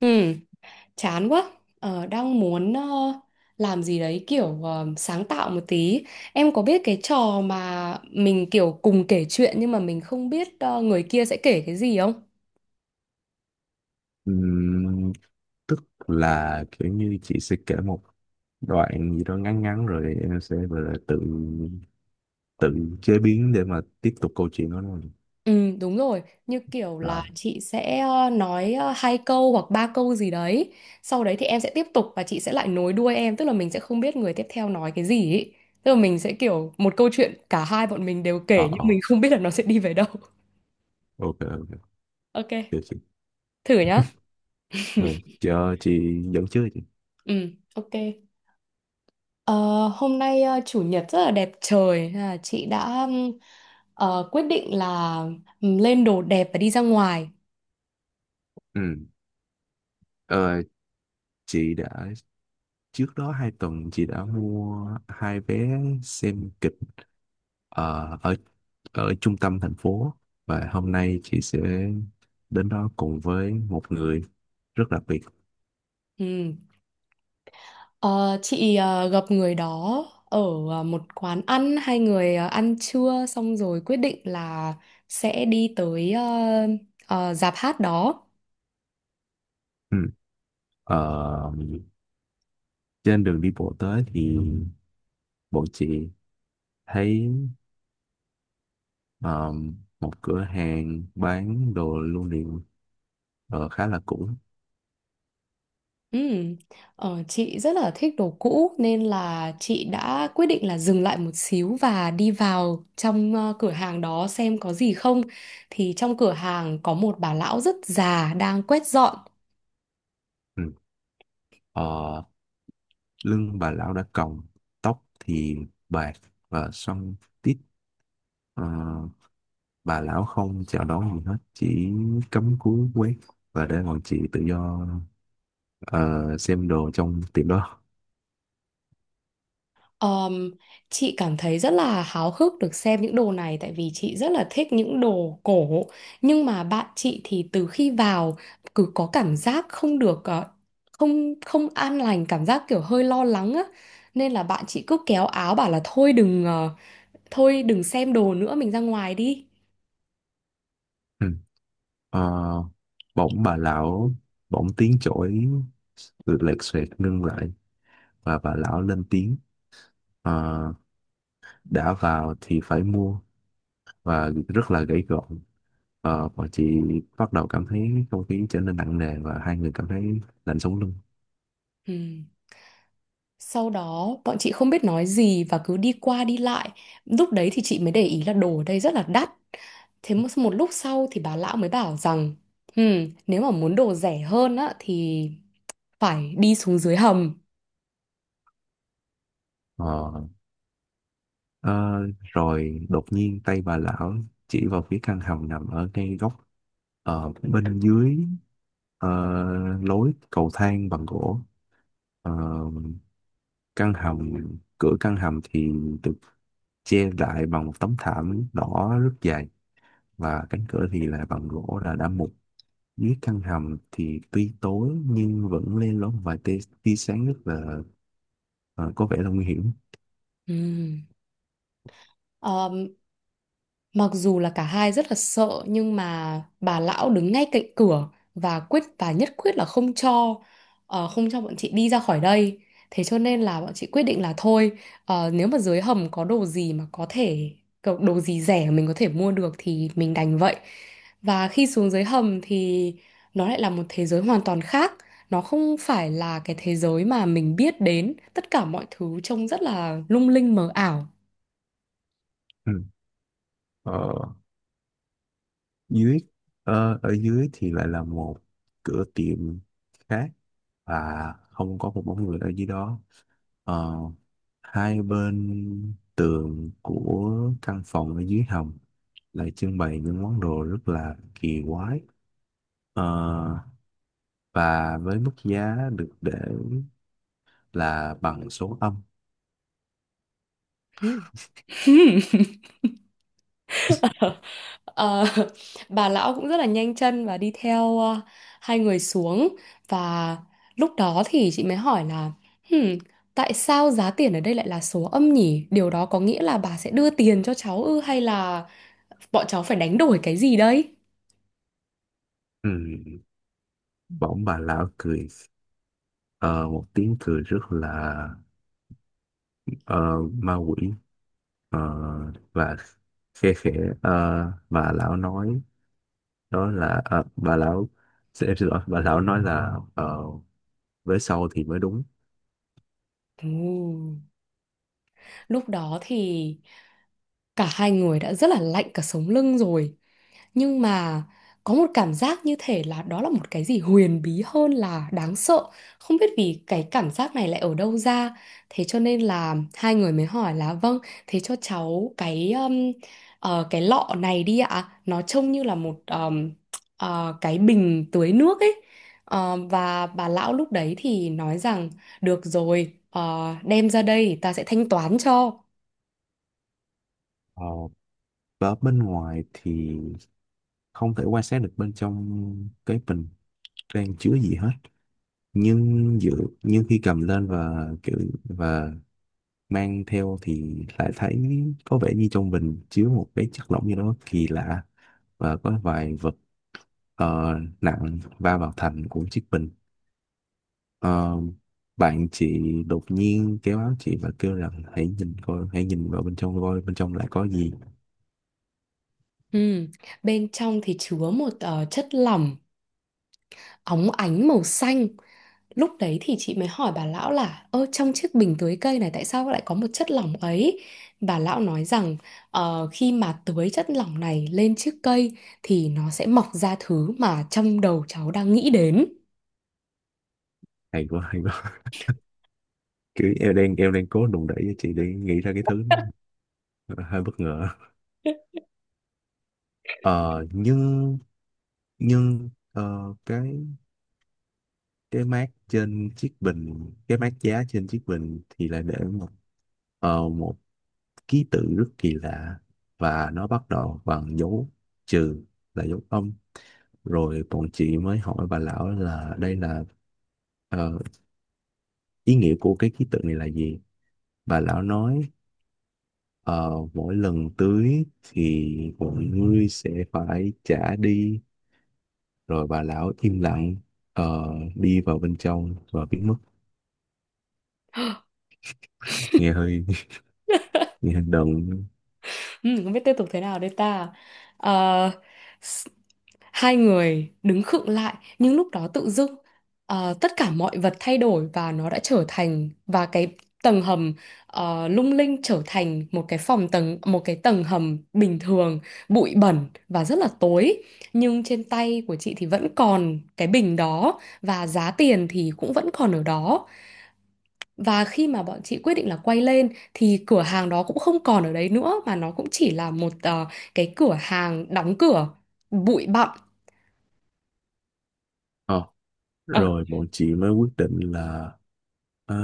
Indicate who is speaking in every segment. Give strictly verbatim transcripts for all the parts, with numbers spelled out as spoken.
Speaker 1: Ừ, chán quá. Ờ, đang muốn ờ, làm gì đấy kiểu ờ, sáng tạo một tí. Em có biết cái trò mà mình kiểu cùng kể chuyện nhưng mà mình không biết ờ, người kia sẽ kể cái gì không?
Speaker 2: Ừm, Tức là kiểu như chị sẽ kể một đoạn gì đó ngắn ngắn rồi em sẽ gọi là tự tự chế biến để mà tiếp tục câu chuyện đó luôn
Speaker 1: Ừ, đúng rồi. Như kiểu là
Speaker 2: là.
Speaker 1: chị sẽ ờ, nói ờ, hai câu hoặc ba câu gì đấy. Sau đấy thì em sẽ tiếp tục và chị sẽ lại nối đuôi em. Tức là mình sẽ không biết người tiếp theo nói cái gì ấy. Tức là mình sẽ kiểu một câu chuyện cả hai bọn mình đều kể
Speaker 2: ờ
Speaker 1: nhưng
Speaker 2: ờ
Speaker 1: mình không biết là nó sẽ đi về đâu.
Speaker 2: ok ok,
Speaker 1: Ok,
Speaker 2: được chị.
Speaker 1: thử nhá.
Speaker 2: Ừ, chờ chị dẫn trước chị.
Speaker 1: Ừ, ok. Ờ, hôm nay ờ, chủ nhật rất là đẹp trời. Thế là chị đã ừm, ờ, quyết định là ừm, lên đồ đẹp và đi ra ngoài.
Speaker 2: Ừ. ờ, chị đã trước đó hai tuần chị đã mua hai vé xem kịch ờ, ở ở trung tâm thành phố, và hôm nay chị sẽ đến đó cùng với một người rất đặc biệt.
Speaker 1: Ừm. Ờ, chị ờ, gặp người đó ở ờ, một quán ăn, hai người ờ, ăn trưa xong rồi quyết định là sẽ đi tới ờ, ờ, dạp hát đó.
Speaker 2: Ừ. Ờ, Trên đường đi bộ tới thì bọn chị thấy ờ, một cửa hàng bán đồ lưu niệm, ờ, khá là cũ.
Speaker 1: Ừm. Ờ, chị rất là thích đồ cũ nên là chị đã quyết định là dừng lại một xíu và đi vào trong ờ, cửa hàng đó xem có gì không. Thì trong cửa hàng có một bà lão rất già đang quét dọn.
Speaker 2: Ừ. Ờ, Lưng bà lão đã còng, tóc thì bạc và xoăn tít. Ờ, bà lão không chào đón gì hết, chỉ cắm cúi quét và để bọn chị tự do ờ, xem đồ trong tiệm đó.
Speaker 1: Ờm, chị cảm thấy rất là háo hức được xem những đồ này tại vì chị rất là thích những đồ cổ, nhưng mà bạn chị thì từ khi vào cứ có cảm giác không được ờ, không không an lành, cảm giác kiểu hơi lo lắng á, nên là bạn chị cứ kéo áo bảo là thôi đừng ờ, thôi đừng xem đồ nữa mình ra ngoài đi.
Speaker 2: Ừ. Ờ, bỗng bà lão bỗng tiếng chổi lệch xoẹt ngưng lại và bà lão lên tiếng. Ờ, đã vào thì phải mua, và rất là gãy gọn. Ờ, bọn chị bắt đầu cảm thấy không khí trở nên nặng nề và hai người cảm thấy lạnh sống lưng.
Speaker 1: Ừ. Sau đó bọn chị không biết nói gì và cứ đi qua đi lại. Lúc đấy thì chị mới để ý là đồ ở đây rất là đắt. Thế một, một lúc sau thì bà lão mới bảo rằng: "Ừm, nếu mà muốn đồ rẻ hơn á thì phải đi xuống dưới hầm."
Speaker 2: Ờ, ờ, Rồi đột nhiên tay bà lão chỉ vào phía căn hầm nằm ở ngay góc, ờ, bên dưới ờ, lối cầu thang bằng gỗ. Ờ, căn hầm cửa căn hầm thì được che lại bằng một tấm thảm đỏ rất dày, và cánh cửa thì là bằng gỗ là đã mục. Dưới căn hầm thì tuy tối nhưng vẫn lên lóm vài tia, tia sáng, rất là ờ, có vẻ là nguy hiểm.
Speaker 1: Ừm. Mặc dù là cả hai rất là sợ nhưng mà bà lão đứng ngay cạnh cửa và quyết và nhất quyết là không cho ờ, không cho bọn chị đi ra khỏi đây. Thế cho nên là bọn chị quyết định là thôi, ờ, nếu mà dưới hầm có đồ gì mà có thể có đồ gì rẻ mình có thể mua được thì mình đành vậy. Và khi xuống dưới hầm thì nó lại là một thế giới hoàn toàn khác. Nó không phải là cái thế giới mà mình biết đến. Tất cả mọi thứ trông rất là lung linh mờ ảo.
Speaker 2: Ừ. ờ, dưới ờ, ở dưới thì lại là một cửa tiệm khác, và không có một bóng người ở dưới đó. Ờ, Hai bên tường của căn phòng ở dưới hầm lại trưng bày những món đồ rất là kỳ quái, Ờ, và với mức giá được để là bằng số âm.
Speaker 1: Ừ. Ờ, bà lão cũng rất là nhanh chân và đi theo ờ, hai người xuống, và lúc đó thì chị mới hỏi là: "Hmm, tại sao giá tiền ở đây lại là số âm nhỉ? Điều đó có nghĩa là bà sẽ đưa tiền cho cháu ư hay là bọn cháu phải đánh đổi cái gì đây?"
Speaker 2: Ừ. Bỗng bà lão cười ờ, một tiếng cười rất là ờ, ma quỷ, ờ, và khe khẽ. ờ, bà lão nói đó là ờ, bà lão xin- em xin lỗi, bà lão nói là ờ, với sau thì mới đúng.
Speaker 1: Ồ, lúc đó thì cả hai người đã rất là lạnh cả sống lưng rồi, nhưng mà có một cảm giác như thể là đó là một cái gì huyền bí hơn là đáng sợ, không biết vì cái cảm giác này lại ở đâu ra, thế cho nên là hai người mới hỏi là: "Vâng, thế cho cháu cái um, ờ, cái lọ này đi ạ, nó trông như là một um, ờ, cái bình tưới nước ấy." Ờ, và bà lão lúc đấy thì nói rằng được rồi, ờ, đem ra đây ta sẽ thanh toán cho.
Speaker 2: Ờ, và bên ngoài thì không thể quan sát được bên trong cái bình đang chứa gì hết, nhưng dự nhưng khi cầm lên và kiểu và mang theo thì lại thấy có vẻ như trong bình chứa một cái chất lỏng gì đó kỳ lạ, và có vài vật ờ, nặng va vào thành của chiếc bình. Ờ, Bạn chị đột nhiên kéo áo chị và kêu rằng hãy nhìn coi, hãy nhìn vào bên trong coi bên trong lại có gì.
Speaker 1: Ừ, bên trong thì chứa một ờ, chất lỏng óng ánh màu xanh. Lúc đấy thì chị mới hỏi bà lão là ơ trong chiếc bình tưới cây này tại sao lại có một chất lỏng ấy. Bà lão nói rằng: "Ờ, khi mà tưới chất lỏng này lên chiếc cây thì nó sẽ mọc ra thứ mà trong đầu cháu đang nghĩ đến."
Speaker 2: Hay quá, hay quá. Kiểu em đang em đang cố đùn đẩy cho chị để nghĩ ra cái thứ hơi bất ngờ. Ờ, nhưng nhưng ờ, cái cái mác trên chiếc bình, cái mác giá trên chiếc bình thì lại để một ờ, một ký tự rất kỳ lạ, và nó bắt đầu bằng dấu trừ, là dấu âm. Rồi bọn chị mới hỏi bà lão là đây là ờ, ý nghĩa của cái ký tự này là gì. Bà lão nói ờ, mỗi lần tưới thì mọi người sẽ phải trả đi. Rồi bà lão im lặng, ờ, đi vào bên trong và biến mất. Nghe hơi nghe hơi đần.
Speaker 1: Ừ, không biết tiếp tục thế nào đây ta. Ờ, s- hai người đứng khựng lại, nhưng lúc đó tự dưng ờ, tất cả mọi vật thay đổi và nó đã trở thành và cái tầng hầm ờ, lung linh trở thành một cái phòng tầng một cái tầng hầm bình thường, bụi bẩn và rất là tối. Nhưng trên tay của chị thì vẫn còn cái bình đó và giá tiền thì cũng vẫn còn ở đó. Và khi mà bọn chị quyết định là quay lên thì cửa hàng đó cũng không còn ở đấy nữa, mà nó cũng chỉ là một ờ, cái cửa hàng đóng cửa bụi bặm.
Speaker 2: Ờ,
Speaker 1: Ờ,
Speaker 2: Rồi bọn chị mới quyết định là ờ,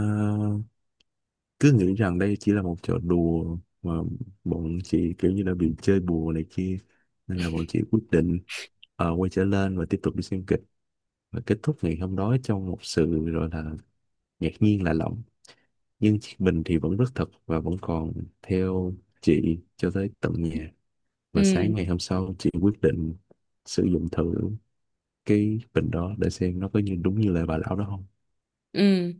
Speaker 2: cứ nghĩ rằng đây chỉ là một trò đùa mà bọn chị kiểu như là bị chơi bùa này kia, nên là bọn chị quyết định ờ, quay trở lên và tiếp tục đi xem kịch, và kết thúc ngày hôm đó trong một sự gọi là ngạc nhiên lạ lẫm. Nhưng chiếc bình thì vẫn rất thật và vẫn còn theo chị cho tới tận nhà, và sáng
Speaker 1: ừ,
Speaker 2: ngày hôm sau chị quyết định sử dụng thử cái bình đó để xem nó có như đúng như lời bà lão đó không.
Speaker 1: ừ.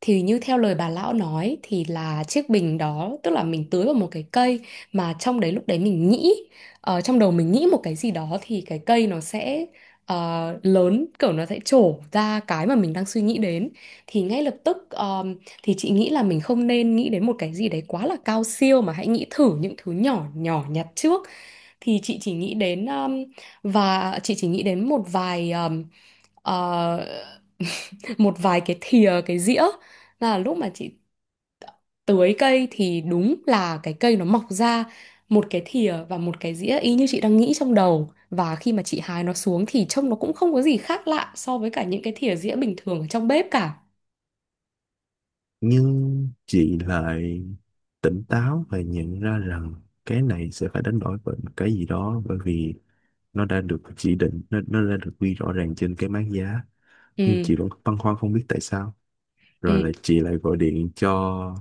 Speaker 1: Thì như theo lời bà lão nói thì là chiếc bình đó tức là mình tưới vào một cái cây mà trong đấy lúc đấy mình nghĩ, ờ, trong đầu mình nghĩ một cái gì đó thì cái cây nó sẽ ờ, lớn, kiểu nó sẽ trổ ra cái mà mình đang suy nghĩ đến. Thì ngay lập tức ờm, thì chị nghĩ là mình không nên nghĩ đến một cái gì đấy quá là cao siêu mà hãy nghĩ thử những thứ nhỏ nhỏ nhặt trước. Thì chị chỉ nghĩ đến um, và chị chỉ nghĩ đến một vài um, ờ, một vài cái thìa cái dĩa. Là lúc mà chị tưới cây thì đúng là cái cây nó mọc ra một cái thìa và một cái dĩa y như chị đang nghĩ trong đầu, và khi mà chị hái nó xuống thì trông nó cũng không có gì khác lạ so với cả những cái thìa dĩa bình thường ở trong bếp cả.
Speaker 2: Nhưng chị lại tỉnh táo và nhận ra rằng cái này sẽ phải đánh đổi bởi một cái gì đó, bởi vì nó đã được chỉ định, nó, nó đã được ghi rõ ràng trên cái mác giá. Nhưng
Speaker 1: Ừ,
Speaker 2: chị vẫn băn khoăn không biết tại sao. Rồi
Speaker 1: ừ,
Speaker 2: là chị lại gọi điện cho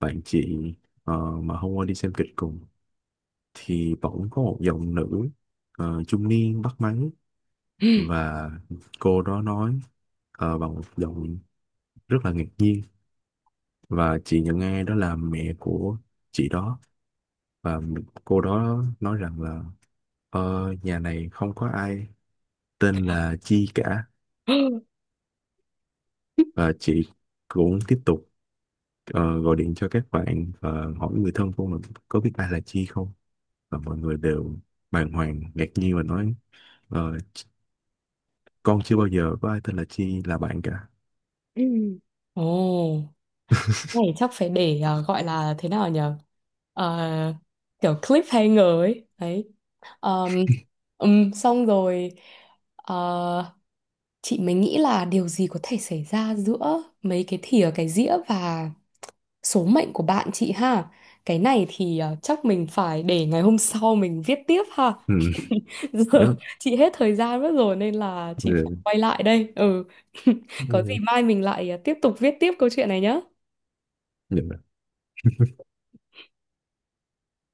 Speaker 2: bạn chị ờ, mà hôm qua đi xem kịch cùng, thì bỗng có một giọng nữ ờ, trung niên bắt máy, và cô đó nói ờ, bằng một giọng rất là ngạc nhiên, và chị nhận nghe đó là mẹ của chị đó. Và cô đó nói rằng là ờ, nhà này không có ai tên là Chi cả.
Speaker 1: ừ.
Speaker 2: Và chị cũng tiếp tục ờ, gọi điện cho các bạn và hỏi người thân của mình có biết ai là Chi không. Và mọi người đều bàng hoàng ngạc nhiên và nói ờ, con chưa bao giờ có ai tên là Chi là bạn cả.
Speaker 1: Ừ. Ồ, này chắc phải để ờ, gọi là thế nào nhở. Ờ, kiểu cliffhanger ấy đấy. Ờm, ừm, xong rồi, ờ, chị mới nghĩ là điều gì có thể xảy ra giữa mấy cái thìa cái dĩa và số mệnh của bạn chị ha. Cái này thì ờ, chắc mình phải để ngày hôm sau mình viết tiếp ha.
Speaker 2: Ừ,
Speaker 1: Giờ
Speaker 2: đó,
Speaker 1: chị hết thời gian mất rồi nên là chị phải
Speaker 2: ừ,
Speaker 1: quay lại đây. Ừ, có gì mai mình lại ờ, tiếp tục viết tiếp câu chuyện này nhá.
Speaker 2: ừ.